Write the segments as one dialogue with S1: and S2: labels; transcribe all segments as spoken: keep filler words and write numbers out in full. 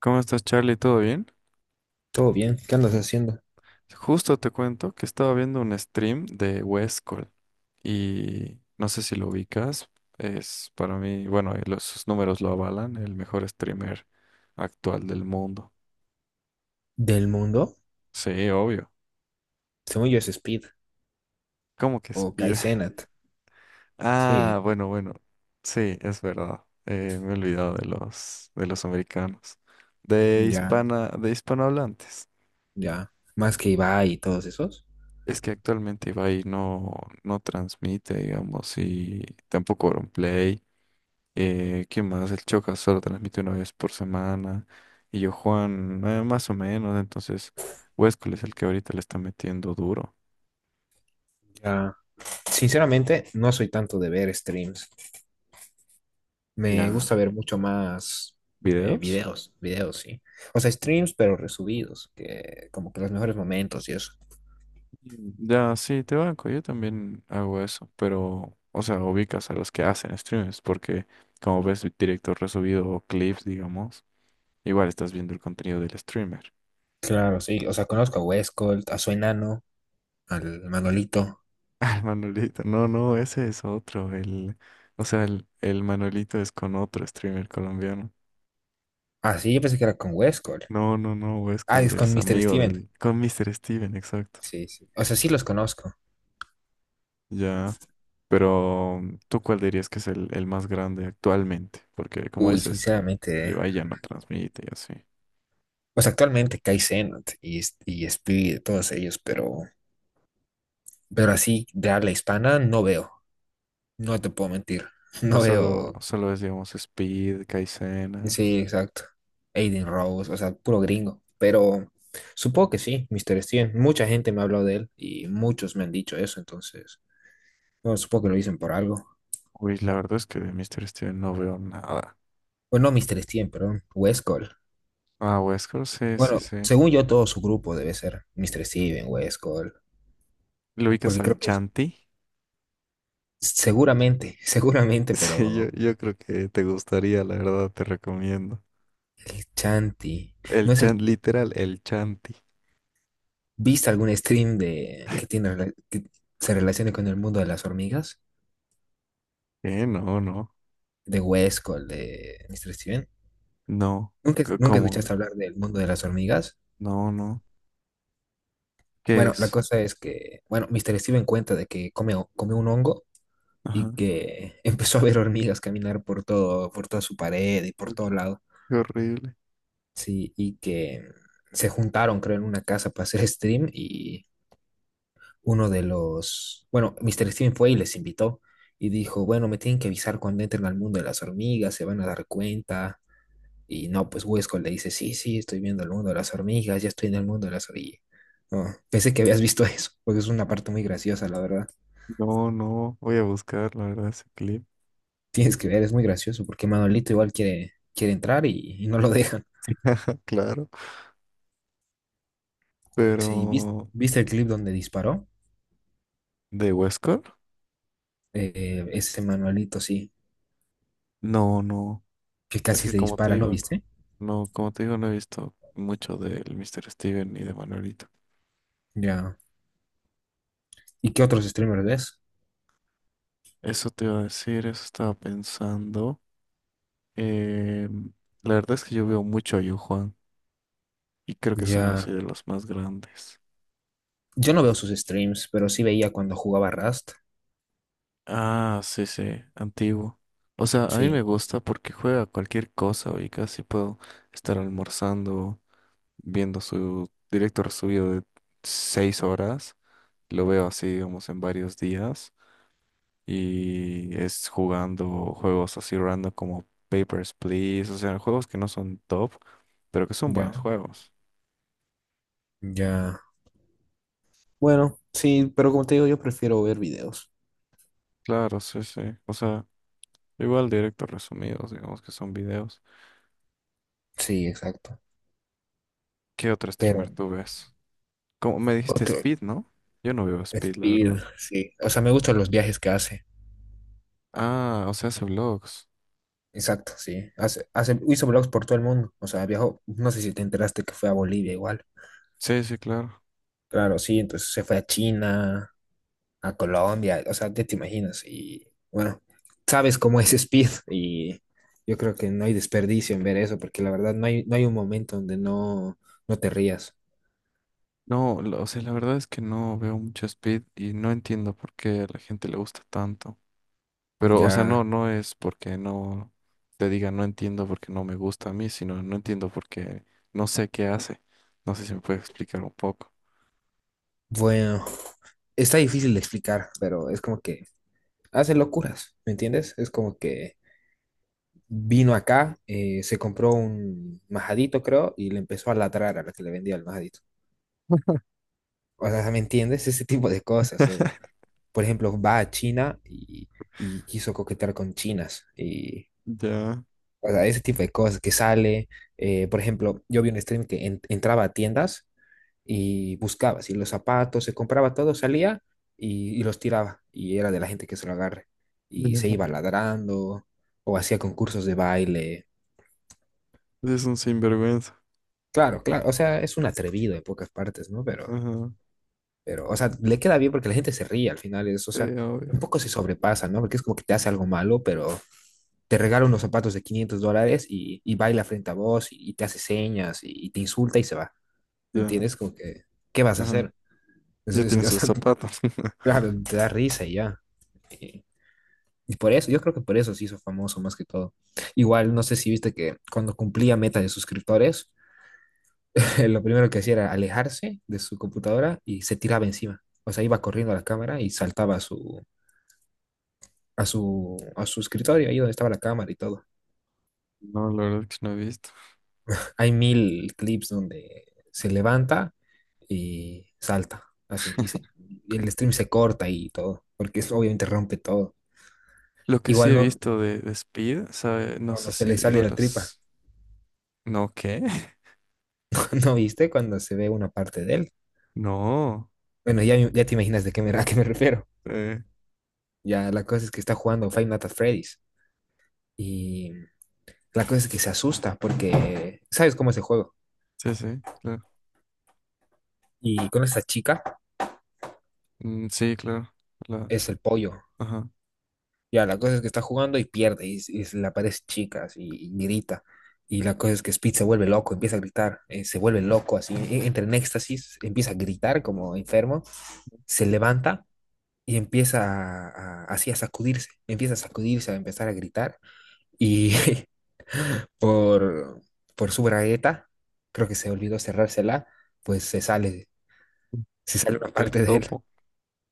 S1: ¿Cómo estás, Charlie? ¿Todo bien?
S2: Todo bien, ¿qué andas haciendo?
S1: Justo te cuento que estaba viendo un stream de Westcol y no sé si lo ubicas. Es para mí, bueno, y los, sus números lo avalan, el mejor streamer actual del mundo.
S2: ¿Del mundo?
S1: Sí, obvio.
S2: Según yo es Speed
S1: ¿Cómo que
S2: o Kai
S1: Speed?
S2: Kaizenat. Sí,
S1: Ah, bueno, bueno. Sí, es verdad. Eh, me he olvidado de los, de los americanos. De
S2: ya,
S1: hispana, de hispanohablantes.
S2: ya. Más que Ibai y todos esos.
S1: Es que actualmente Ibai no, no transmite, digamos, y tampoco Play. Eh, ¿qué más? El Choca solo transmite una vez por semana. Y yo, Juan, eh, más o menos. Entonces, Huesco es el que ahorita le está metiendo duro.
S2: Ya. Sinceramente, no soy tanto de ver streams. Me
S1: Ya,
S2: gusta ver mucho más eh,
S1: videos.
S2: videos, videos, sí. O sea, streams, pero resubidos, que como que los mejores momentos y eso.
S1: Mm, Ya, sí, te banco. Yo también hago eso. Pero, o sea, ubicas a los que hacen streams. Porque, como ves, directo resubido o clips, digamos, igual estás viendo el contenido del streamer.
S2: Claro, sí. O sea, conozco a Westcold, a su enano, al Manolito.
S1: Ah, el Manolito. No, no, ese es otro. El, o sea, el, el Manolito es con otro streamer colombiano.
S2: Ah, sí, yo pensé que era con Westcold.
S1: No, no, no,
S2: Ah,
S1: Westcol
S2: es con
S1: es
S2: mister
S1: amigo
S2: Steven.
S1: del... Con míster Steven, exacto.
S2: Sí, sí. O sea, sí los conozco.
S1: Ya. Pero, mm, ¿tú cuál dirías que es el, el más grande actualmente? Porque, como
S2: Uy,
S1: dices,
S2: sinceramente, eh.
S1: Ibai ya no transmite y así.
S2: Pues actualmente Kai Cenat y, S- y Speed, todos ellos, pero, pero así de habla hispana no veo, no te puedo mentir,
S1: Ya
S2: no
S1: solo,
S2: veo,
S1: solo es, digamos, Speed, Kaizenat.
S2: sí, exacto, Aiden Rose, o sea, puro gringo, pero supongo que sí, mister Steven, mucha gente me ha hablado de él y muchos me han dicho eso, entonces, bueno, supongo que lo dicen por algo,
S1: Uy, la verdad es que de míster Steven no veo nada.
S2: bueno, no mister Steven, perdón, Wes Cole,
S1: Ah, Westcol, sí, sí,
S2: bueno,
S1: sí.
S2: según yo todo su grupo debe ser mister Steven, Wes Cole,
S1: ¿Lo ubicas
S2: porque
S1: al
S2: creo que es,
S1: Chanti?
S2: seguramente, seguramente,
S1: Sí, yo,
S2: pero...
S1: yo creo que te gustaría, la verdad, te recomiendo.
S2: El Chanti. ¿No
S1: El
S2: es el...
S1: Chant, literal, el Chanti.
S2: ¿Viste algún stream de que tiene rela- que se relacione con el mundo de las hormigas?
S1: Eh, no, no,
S2: De Huesco, el de mister Steven.
S1: no.
S2: ¿Nunca,
S1: C-
S2: nunca
S1: ¿Cómo?
S2: escuchaste hablar del mundo de las hormigas?
S1: No, no. ¿Qué
S2: Bueno, la
S1: es?
S2: cosa es que, bueno, mister Steven cuenta de que come, ho- come un hongo y
S1: Ajá.
S2: que empezó a ver hormigas caminar por todo, por toda su pared y por
S1: Uy,
S2: todo lado.
S1: qué horrible.
S2: Sí, y que se juntaron, creo, en una casa para hacer stream y uno de los, bueno, mister Steven fue y les invitó y dijo, bueno, me tienen que avisar cuando entren al mundo de las hormigas, se van a dar cuenta. Y no, pues Huesco le dice, sí, sí, estoy viendo el mundo de las hormigas, ya estoy en el mundo de las hormigas. No, pensé que habías visto eso, porque es una parte muy graciosa, la verdad.
S1: No, no. Voy a buscar, la verdad, ese clip.
S2: Tienes que ver, es muy gracioso, porque Manolito igual quiere, quiere entrar y, y no lo dejan.
S1: Claro.
S2: Sí, ¿vis-
S1: Pero.
S2: ¿viste, el clip donde disparó?
S1: ¿De Huescar?
S2: Eh, ese Manolito, sí,
S1: No, no.
S2: que
S1: Es
S2: casi
S1: que
S2: se
S1: como te
S2: dispara, ¿no
S1: digo, no.
S2: viste?
S1: No, como te digo, no he visto mucho del míster Steven ni de Manuelito.
S2: Ya. ¿Y qué otros streamers ves?
S1: Eso te iba a decir, eso estaba pensando. Em, la verdad es que yo veo mucho a Yu Juan y creo que es uno
S2: Ya.
S1: así de los más grandes.
S2: Yo no veo sus streams, pero sí veía cuando jugaba Rust.
S1: Ah, sí, sí, antiguo. O sea, a mí me
S2: Sí,
S1: gusta porque juega cualquier cosa y casi puedo estar almorzando, viendo su directo resubido de seis horas. Lo veo así, digamos, en varios días. Y es jugando juegos así random como Papers, Please. O sea, juegos que no son top, pero que son buenos
S2: ya,
S1: juegos.
S2: ya. Bueno, sí, pero como te digo, yo prefiero ver videos.
S1: Claro, sí, sí. O sea, igual directos resumidos, digamos que son videos.
S2: Sí, exacto.
S1: ¿Qué otro
S2: Pero
S1: streamer tú ves? Como me dijiste
S2: otro
S1: Speed, ¿no? Yo no veo Speed, la
S2: Speed,
S1: verdad.
S2: sí. O sea, me gustan los viajes que hace.
S1: Ah, o sea, hace vlogs.
S2: Exacto, sí. Hace, hace, hizo vlogs por todo el mundo. O sea, viajó, no sé si te enteraste que fue a Bolivia igual.
S1: Sí, sí, claro.
S2: Claro, sí, entonces se fue a China, a Colombia, o sea, ya te imaginas. Y bueno, sabes cómo es Speed y yo creo que no hay desperdicio en ver eso, porque la verdad no hay, no hay un momento donde no, no te rías.
S1: No, lo- o sea, la verdad es que no veo mucho Speed y no entiendo por qué a la gente le gusta tanto. Pero, o sea, no,
S2: Ya,
S1: no es porque no te diga no entiendo porque no me gusta a mí, sino no entiendo porque no sé qué hace. No sé si me puede explicar un poco.
S2: bueno, está difícil de explicar, pero es como que hace locuras, ¿me entiendes? Es como que vino acá, eh, se compró un majadito, creo, y le empezó a ladrar a la que le vendía el majadito. O sea, ¿me entiendes? Ese tipo de cosas. O, por ejemplo, va a China y, y quiso coquetear con chinas. Y,
S1: Ya,
S2: o sea, ese tipo de cosas que sale. eh, por ejemplo, yo vi un stream que en- entraba a tiendas y buscaba, si los zapatos, se compraba todo, salía y, y los tiraba. Y era de la gente que se lo agarre. Y se
S1: ya.
S2: iba ladrando o hacía concursos de baile.
S1: Es un sinvergüenza.
S2: Claro, claro, o sea, es un atrevido en pocas partes, ¿no? Pero,
S1: Ajá.
S2: pero, o sea, le queda bien porque la gente se ríe al final, es, o
S1: Sí,
S2: sea,
S1: obvio.
S2: un poco se sobrepasa, ¿no? Porque es como que te hace algo malo, pero te regala unos zapatos de quinientos dólares y, y baila frente a vos y, y te hace señas y, y te insulta y se va. ¿Me
S1: Ya.
S2: entiendes? Como que, ¿qué vas a
S1: Ajá.
S2: hacer? Es,
S1: Ya
S2: es
S1: tienes el
S2: bastante,
S1: zapato.
S2: claro, te da risa y ya. Y, y por eso, yo creo que por eso se hizo famoso más que todo. Igual, no sé si viste que cuando cumplía meta de suscriptores, lo primero que hacía era alejarse de su computadora y se tiraba encima. O sea, iba corriendo a la cámara y saltaba a su, a su, a su escritorio, ahí donde estaba la cámara y todo.
S1: No, la verdad es que no he visto.
S2: Hay mil clips donde se levanta y salta, así, y, se- y el stream se corta y todo, porque eso obviamente rompe todo.
S1: Lo que sí
S2: Igual
S1: he
S2: no
S1: visto de, de Speed, sabe, no
S2: cuando
S1: sé
S2: se
S1: si
S2: le sale
S1: igual
S2: la tripa,
S1: las... No, ¿qué?
S2: ¿no viste? Cuando se ve una parte de él.
S1: No.
S2: Bueno, ya, ya te imaginas de qué me, a qué me refiero.
S1: Eh,
S2: Ya la cosa es que está jugando Five Nights at Freddy's y la cosa es que se asusta porque, ¿sabes cómo es el juego?
S1: sí, sí, claro.
S2: Y con esa chica
S1: Mm, sí, claro. La,
S2: es el pollo,
S1: ajá.
S2: Ya, la cosa es que está jugando y pierde, y, s- y se le aparece chicas y, y grita. Y la cosa es que Speed se vuelve loco, empieza a gritar, eh, se vuelve loco, así, e- entra en éxtasis, empieza a gritar como enfermo, se levanta y empieza a, a- así a sacudirse, empieza a sacudirse, a empezar a gritar. Y por, por su bragueta, creo que se olvidó cerrársela, pues se sale, se sale una
S1: El
S2: parte de él,
S1: topo.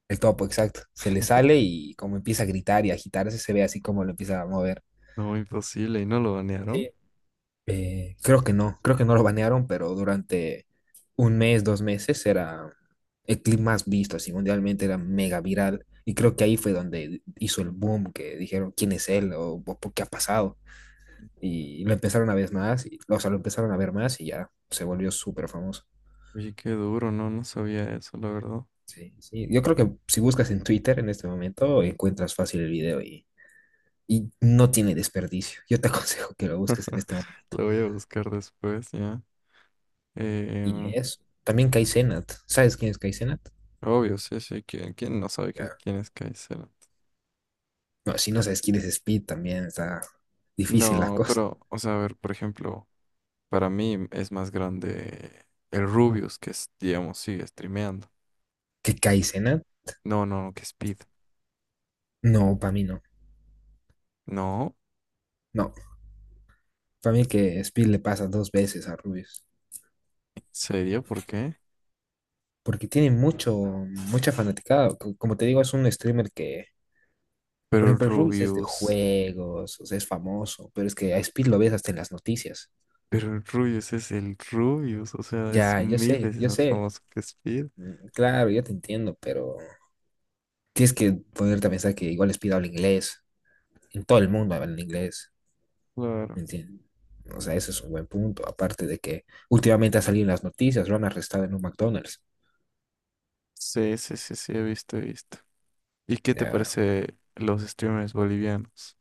S2: el topo, exacto. Se le sale y como empieza a gritar y a agitarse, se ve así como lo empieza a mover.
S1: No, imposible. ¿Y no lo banearon?
S2: Sí. Eh, creo que no, creo que no lo banearon, pero durante un mes, dos meses era el clip más visto, así mundialmente era mega viral. Y creo que ahí fue donde hizo el boom, que dijeron quién es él o, o por qué ha pasado. Y lo empezaron a ver más, y, o sea, lo empezaron a ver más y ya se volvió súper famoso.
S1: Oye, qué duro, no, no sabía eso, la verdad.
S2: Sí, sí. Yo creo que si buscas en Twitter en este momento, encuentras fácil el video y, y no tiene desperdicio. Yo te aconsejo que lo busques en este momento.
S1: Lo voy a buscar después, ya.
S2: Y
S1: Eh,
S2: eso. También Kai Cenat. ¿Sabes quién es Kai Cenat?
S1: obvio, sí, sí. ¿Quién, quién no sabe que- quién es Kaiser?
S2: No, si no sabes quién es Speed, también está difícil la
S1: No,
S2: cosa.
S1: pero, o sea, a ver, por ejemplo. Para mí es más grande el Rubius, que es, digamos, sigue streameando.
S2: ¿Que Kaizena?
S1: No, no, no, que Speed.
S2: No, para mí no.
S1: No,
S2: No, para mí que Speed le pasa dos veces a Rubius.
S1: ¿en serio? ¿Por qué?
S2: Porque tiene mucho, mucha fanaticada. Co- Como te digo, es un streamer que,
S1: Pero
S2: por
S1: el
S2: ejemplo, el Rubius es de
S1: Rubius,
S2: juegos, o sea, es famoso, pero es que a Speed lo ves hasta en las noticias.
S1: pero el Rubius es el Rubius, o sea, es
S2: Ya, yo
S1: mil
S2: sé,
S1: veces
S2: yo
S1: más
S2: sé.
S1: famoso que Speed.
S2: Mm, Claro, yo te entiendo, pero tienes que ponerte a pensar que igual Speed habla inglés. En todo el mundo habla inglés. ¿Me
S1: Claro.
S2: entiendes? O sea, ese es un buen punto. Aparte de que últimamente ha salido en las noticias, lo han arrestado en un McDonald's.
S1: Sí, sí, sí, sí, he visto, he visto. ¿Y qué te
S2: Ya.
S1: parece los streamers bolivianos?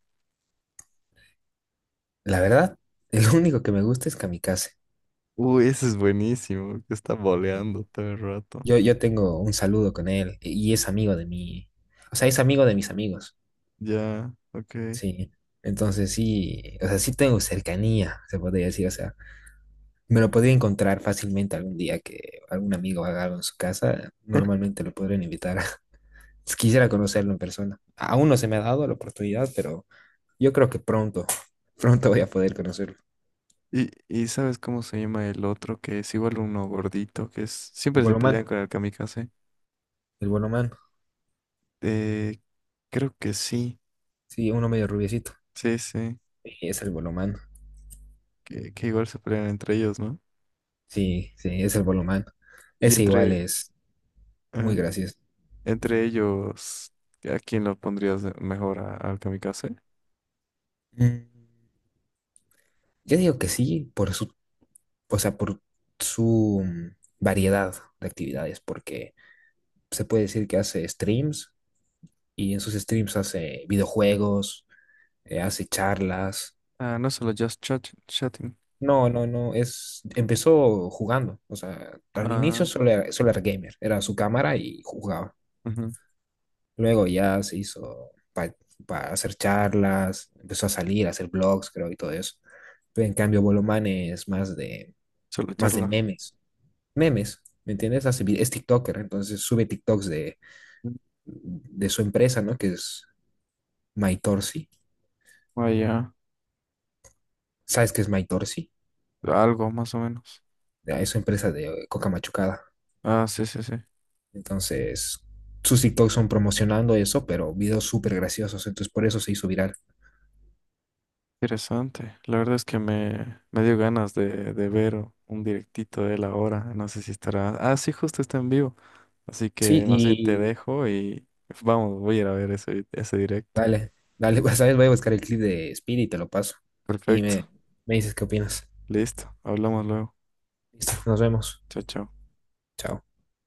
S2: La verdad, el único que me gusta es Kamikaze.
S1: Uy, ese es buenísimo, que está boleando todo el rato.
S2: Yo, yo tengo un saludo con él y es amigo de mi, o sea, es amigo de mis amigos,
S1: Ya, ok.
S2: sí. Entonces sí, o sea, sí tengo cercanía, se podría decir, o sea, me lo podría encontrar fácilmente algún día que algún amigo haga algo en su casa, normalmente lo podrían invitar. Quisiera conocerlo en persona. Aún no se me ha dado la oportunidad, pero Yo creo que pronto, pronto voy a poder conocerlo.
S1: Y, y ¿sabes cómo se llama el otro? Que es igual uno gordito, que es,
S2: El
S1: siempre se
S2: Bolomán,
S1: pelean con el kamikaze.
S2: el Bolomán.
S1: Eh, creo que sí,
S2: Sí, uno medio rubiecito.
S1: sí, sí,
S2: Sí, Es el Bolomán.
S1: que, que igual se pelean entre ellos, ¿no?
S2: Sí, sí, es el Bolomán.
S1: Y
S2: Ese igual
S1: entre,
S2: es muy
S1: ah,
S2: gracioso.
S1: entre ellos, ¿a quién lo pondrías de- mejor a- al kamikaze?
S2: Mm, Yo digo que sí, por su, o sea, por su mm, variedad de actividades, porque se puede decir que hace streams y en sus streams hace videojuegos, eh, hace charlas.
S1: Ah, no solo Just Chat- Chatting.
S2: No, no, no, es, empezó jugando, o sea, al inicio
S1: Ah,
S2: solo era, solo era gamer, era su cámara y jugaba.
S1: ujú,
S2: Luego ya se hizo para hacer charlas, empezó a salir, a hacer blogs, creo, y todo eso. Pero en cambio, Bolomán es más de,
S1: Solo
S2: más de
S1: charlar.
S2: memes, memes, ¿me entiendes? Hace vi- es TikToker, entonces sube TikToks de,
S1: Mm,
S2: de su empresa, ¿no? Que es MyTorsi.
S1: Vaya,
S2: ¿Sabes qué es MyTorsi?
S1: algo más o menos.
S2: Ya, Es su empresa de coca machucada.
S1: Ah, sí, sí, sí.
S2: Entonces, sus TikToks son promocionando eso, pero videos súper graciosos, entonces por eso se hizo viral.
S1: Interesante. La verdad es que me, me dio ganas de, de ver un directito de él ahora. No sé si estará. Ah, sí, justo está en vivo. Así
S2: Sí,
S1: que más bien te
S2: y
S1: dejo y vamos, voy a ir a ver ese, ese directo.
S2: dale, dale, pues, ¿sabes? Voy a buscar el clip de Speedy y te lo paso. Y
S1: Perfecto.
S2: me, me dices qué opinas.
S1: Listo. Hablamos luego.
S2: Listo, nos vemos.
S1: Chao, chao.
S2: Chao.